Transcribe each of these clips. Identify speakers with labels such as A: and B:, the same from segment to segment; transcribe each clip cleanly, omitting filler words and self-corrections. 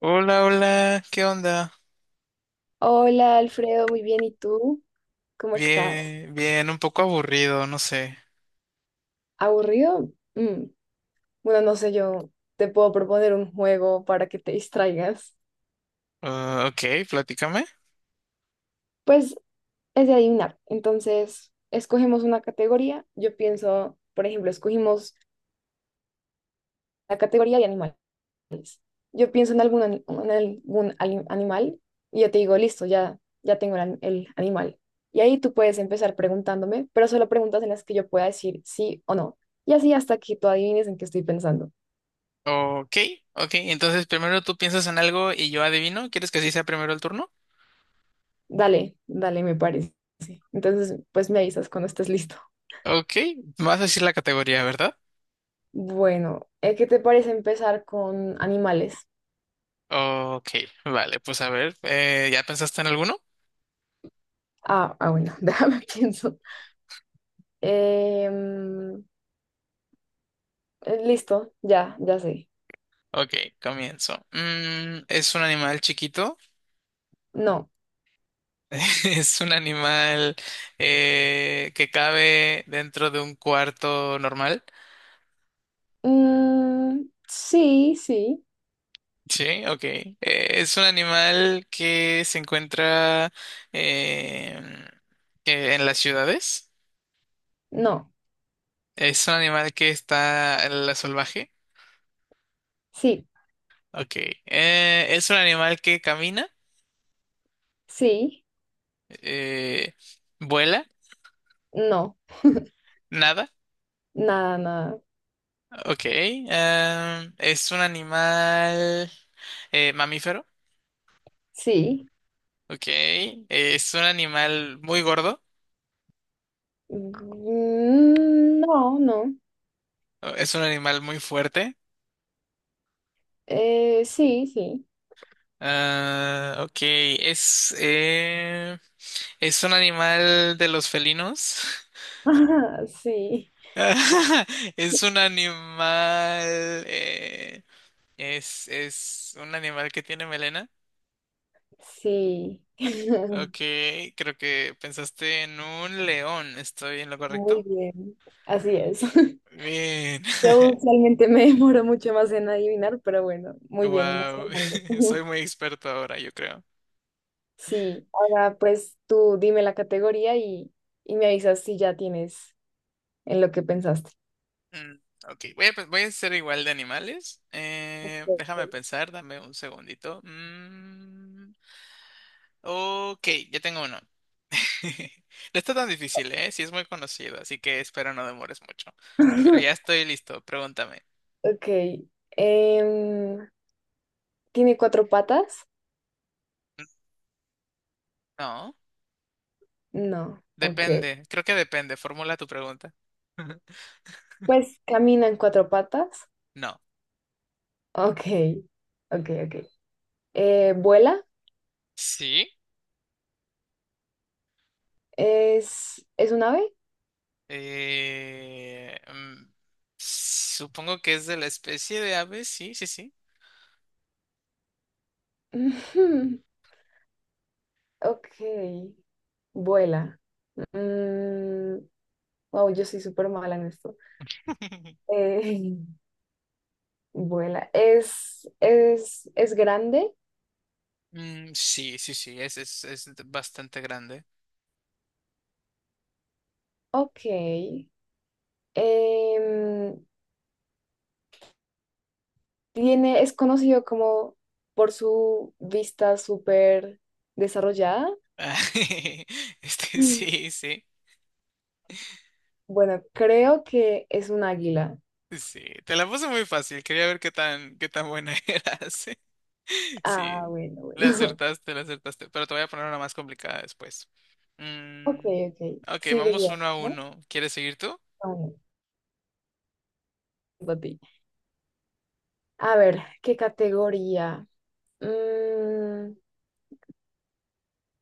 A: Hola, hola, ¿qué onda?
B: Hola Alfredo, muy bien. ¿Y tú? ¿Cómo estás?
A: Bien, bien, un poco aburrido, no sé.
B: ¿Aburrido? Mm, bueno, no sé, yo te puedo proponer un juego para que te distraigas.
A: Ah, ok, platícame.
B: Pues es de adivinar. Entonces, escogemos una categoría. Yo pienso, por ejemplo, escogimos la categoría de animal. Yo pienso en algún, animal y yo te digo, listo, ya tengo el animal. Y ahí tú puedes empezar preguntándome, pero solo preguntas en las que yo pueda decir sí o no. Y así hasta que tú adivines en qué estoy pensando.
A: Ok, ok, entonces primero tú piensas en algo y yo adivino. ¿Quieres que así sea primero el turno?
B: Dale, dale, me parece. Entonces, pues me avisas cuando estés listo.
A: Ok, me vas a decir la categoría, ¿verdad?
B: Bueno, ¿qué te parece empezar con animales?
A: Ok, vale, pues a ver, ¿ya pensaste en alguno?
B: Ah, ah, bueno, déjame pienso. Em, Listo, ya sé.
A: Ok, comienzo. Mm, ¿es un animal chiquito?
B: No.
A: ¿Es un animal que cabe dentro de un cuarto normal?
B: Mm, sí, sí.
A: Sí, ok. Es un animal que se encuentra eh, en las ciudades.
B: No.
A: Es un animal que está en la salvaje.
B: Sí,
A: Ok. Es un animal que camina,
B: sí.
A: eh, vuela,
B: No.
A: nada.
B: Nada, nada.
A: Ok. Ah, es un animal mamífero.
B: Sí.
A: Ok. Es un animal muy gordo.
B: Mm, no, no.
A: Es un animal muy fuerte.
B: Sí, sí.
A: Ah, ok. ¿Es un animal de los felinos?
B: Sí,
A: Es un animal... eh, es un animal que tiene melena.
B: sí.
A: Ok, creo que pensaste en un león. ¿Estoy en lo
B: Muy
A: correcto?
B: bien, así es.
A: Bien.
B: Yo usualmente me demoro mucho más en adivinar, pero bueno, muy bien, vas
A: Wow,
B: ganando.
A: soy muy experto ahora, yo creo.
B: Sí, ahora pues tú dime la categoría y me avisas si ya tienes en lo que pensaste.
A: Mm, ok, voy a hacer igual de animales.
B: Ok,
A: Déjame pensar, dame un segundito. Mm, ok, ya tengo uno. No está tan difícil, ¿eh? Sí es muy conocido, así que espero no demores mucho. Pero ya estoy listo, pregúntame.
B: ok, em, ¿tiene cuatro patas?
A: No,
B: No, ok.
A: depende, creo que depende, formula tu pregunta.
B: Pues camina en cuatro patas.
A: No.
B: Ok, ok, ok. ¿Vuela?
A: ¿Sí?
B: ¿Es un ave?
A: Eh, mm, supongo que es de la especie de ave, sí, sí, sí.
B: Ok, vuela. Mm, wow, yo soy súper mala en esto. Eh, vuela. ¿Es grande?
A: Mm, sí, sí, sí, es bastante grande.
B: Ok. Em, Tiene, es conocido como por su vista súper desarrollada.
A: Este,
B: Mm.
A: sí, sí.
B: Bueno, creo que es un águila.
A: Sí, te la puse muy fácil. Quería ver qué tan buena eras.
B: Ah,
A: Sí,
B: bueno, bueno.
A: la acertaste, la acertaste. Pero te voy a poner una más complicada después.
B: Ok,
A: Mm,
B: ok.
A: ok,
B: Sigo
A: vamos
B: yo,
A: uno a
B: ¿no?
A: uno. ¿Quieres seguir tú?
B: Ah, bueno, a ti. A ver, ¿qué categoría? Mm,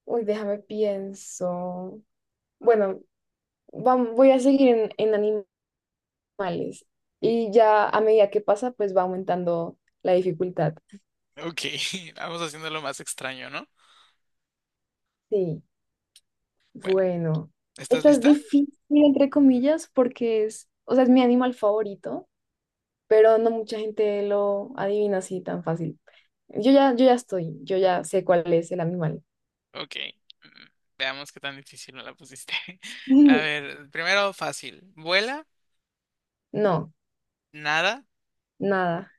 B: uy, déjame pienso. Bueno, voy a seguir en animales. Y ya a medida que pasa, pues va aumentando la dificultad.
A: Ok, vamos haciendo lo más extraño, ¿no?
B: Sí,
A: Bueno,
B: bueno.
A: ¿estás
B: Esta es
A: lista?
B: difícil, entre comillas, porque es, o sea, es mi animal favorito, pero no mucha gente lo adivina así tan fácil. Yo ya sé cuál es el animal.
A: Ok. mm, Veamos qué tan difícil me la pusiste. A ver, primero fácil. ¿Vuela?
B: No,
A: ¿Nada?
B: nada.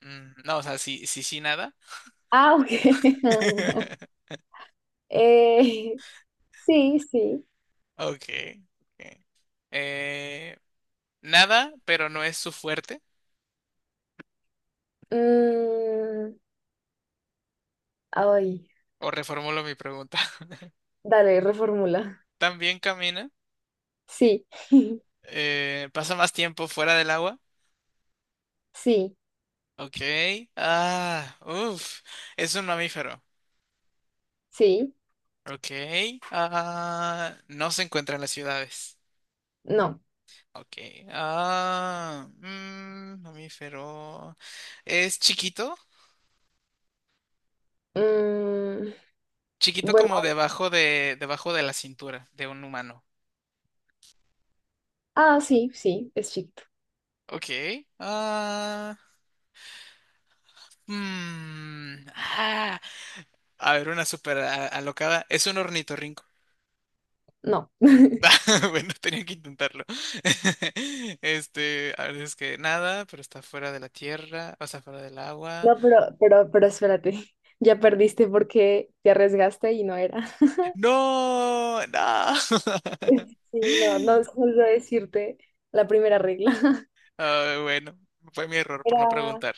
A: Mm, no, o sea, sí, sí, sí, nada.
B: Ah, ok. Eh, sí, sí.
A: Ok. Ok. Eh, nada, pero no es su fuerte.
B: Mm, ay,
A: O reformulo mi pregunta.
B: dale, reformula.
A: También camina.
B: Sí,
A: Pasa más tiempo fuera del agua.
B: sí,
A: Ok. Ah, uff. Es un mamífero.
B: sí,
A: Ok. Ah, no se encuentra en las ciudades.
B: no.
A: Ok. Mamífero. Es chiquito.
B: Mm,
A: Chiquito
B: bueno,
A: como debajo de la cintura de un humano.
B: ah, sí, sí, es chiquito.
A: Ok. Ah, mm, ah. A ver, una súper alocada. Es un ornitorrinco.
B: No.
A: Bueno, tenía que intentarlo. Este, a ver, es que nada, pero está fuera de la tierra, o sea, fuera del agua.
B: No, pero espérate. Ya perdiste porque te arriesgaste y no era.
A: ¡No! ¡No!
B: Sí, no, no solo decirte la primera regla.
A: Ah, bueno, fue mi error por no
B: Era,
A: preguntar.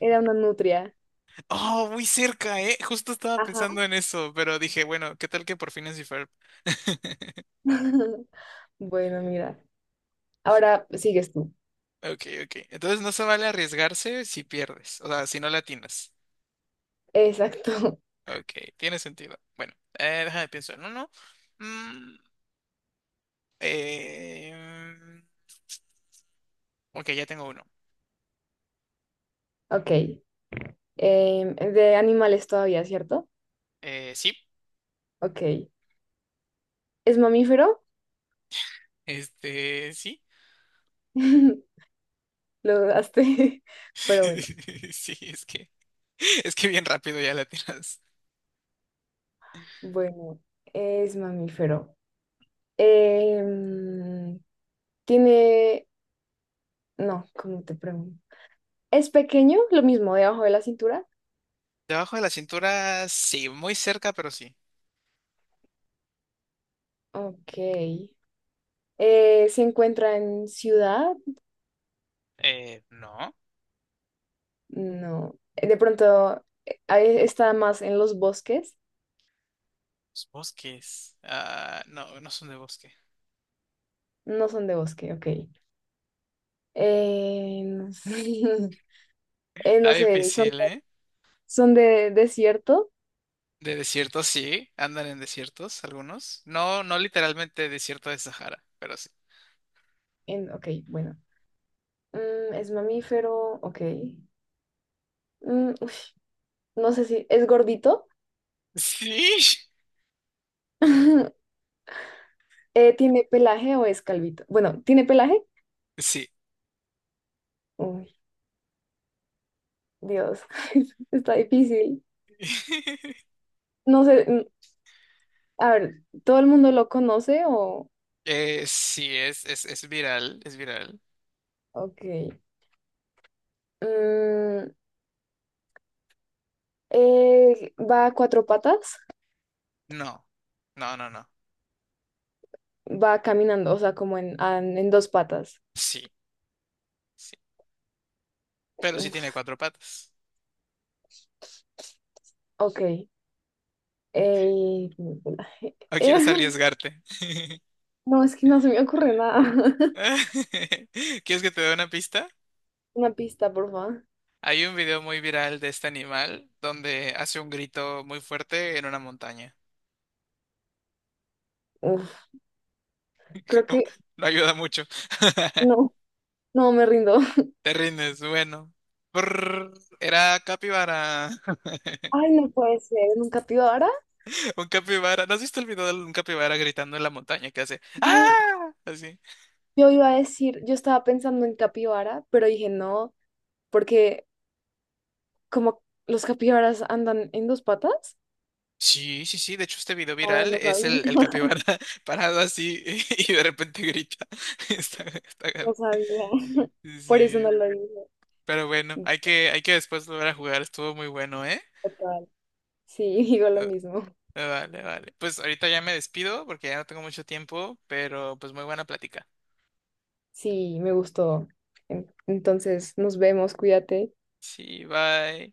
B: era una nutria.
A: ¡Oh, muy cerca, eh! Justo estaba
B: Ajá.
A: pensando en eso, pero dije, bueno, ¿qué tal que por fin es Ferb?
B: Bueno, mira. Ahora sigues tú.
A: Ok, ok. Entonces no se vale arriesgarse si pierdes, o sea, si no le atinas.
B: Exacto.
A: Ok, tiene sentido. Bueno, déjame pensar en uno. Mm, eh, ok, ya tengo uno.
B: Ok. De animales todavía, ¿cierto?
A: Sí,
B: Ok. ¿Es mamífero?
A: este, sí.
B: Lo dudaste, pero bueno.
A: Sí, es que bien rápido ya la tiras.
B: Bueno, es mamífero. Em, Tiene... No, ¿cómo te pregunto? ¿Es pequeño? Lo mismo, debajo de la cintura.
A: Debajo de la cintura, sí, muy cerca, pero sí.
B: Ok. ¿Se encuentra en ciudad?
A: No,
B: No. De pronto, ahí está más en los bosques.
A: los bosques. Ah, no, no son de bosque.
B: No son de bosque, ok. No sé, eh, no
A: Está
B: sé, son,
A: difícil, ¿eh?
B: son de desierto.
A: De desiertos, sí, andan en desiertos algunos. No, no literalmente desierto de Sahara, pero sí.
B: En, ok, bueno. Mm, es mamífero, ok. Mm, uy, no sé si es gordito.
A: Sí.
B: ¿Tiene pelaje o es calvito? Bueno, ¿tiene pelaje?
A: Sí,
B: Uy, Dios, está difícil. No sé, mm, a ver, ¿todo el mundo lo conoce o...?
A: eh, sí, es viral, es viral.
B: Ok. Mm, ¿va a cuatro patas?
A: No, no, no, no.
B: Va caminando, o sea, como en dos patas.
A: Sí, sí. Pero sí tiene cuatro patas.
B: Ok. ¿Tiene pelaje?
A: ¿O quieres arriesgarte?
B: No, es que no se me ocurre nada.
A: ¿Quieres que te dé una pista?
B: Una pista, por favor.
A: Hay un video muy viral de este animal donde hace un grito muy fuerte en una montaña.
B: Creo que
A: No ayuda mucho.
B: no, no me rindo.
A: Te rindes, bueno. Brrr, era capibara.
B: Ay, no puede ser, ¿en un capibara?
A: Un capibara. ¿No has visto el video de un capibara gritando en la montaña que hace?
B: Sí,
A: ¡Ah! Así.
B: yo iba a decir, yo estaba pensando en capibara, pero dije no, porque como los capibaras andan en dos patas.
A: Sí, sí, sí. De hecho, este video
B: Ah,
A: viral
B: no
A: es
B: sabía,
A: el capibara parado así y de repente grita. Está, está gar-
B: no sabía.
A: Sí,
B: Por eso
A: sí,
B: no lo dije.
A: pero bueno, hay que después volver a jugar. Estuvo muy bueno, ¿eh?
B: Total. Sí, digo lo
A: Eh,
B: mismo.
A: Vale, vale. Pues ahorita ya me despido porque ya no tengo mucho tiempo, pero pues muy buena plática.
B: Sí, me gustó. Entonces, nos vemos, cuídate.
A: Sí, bye.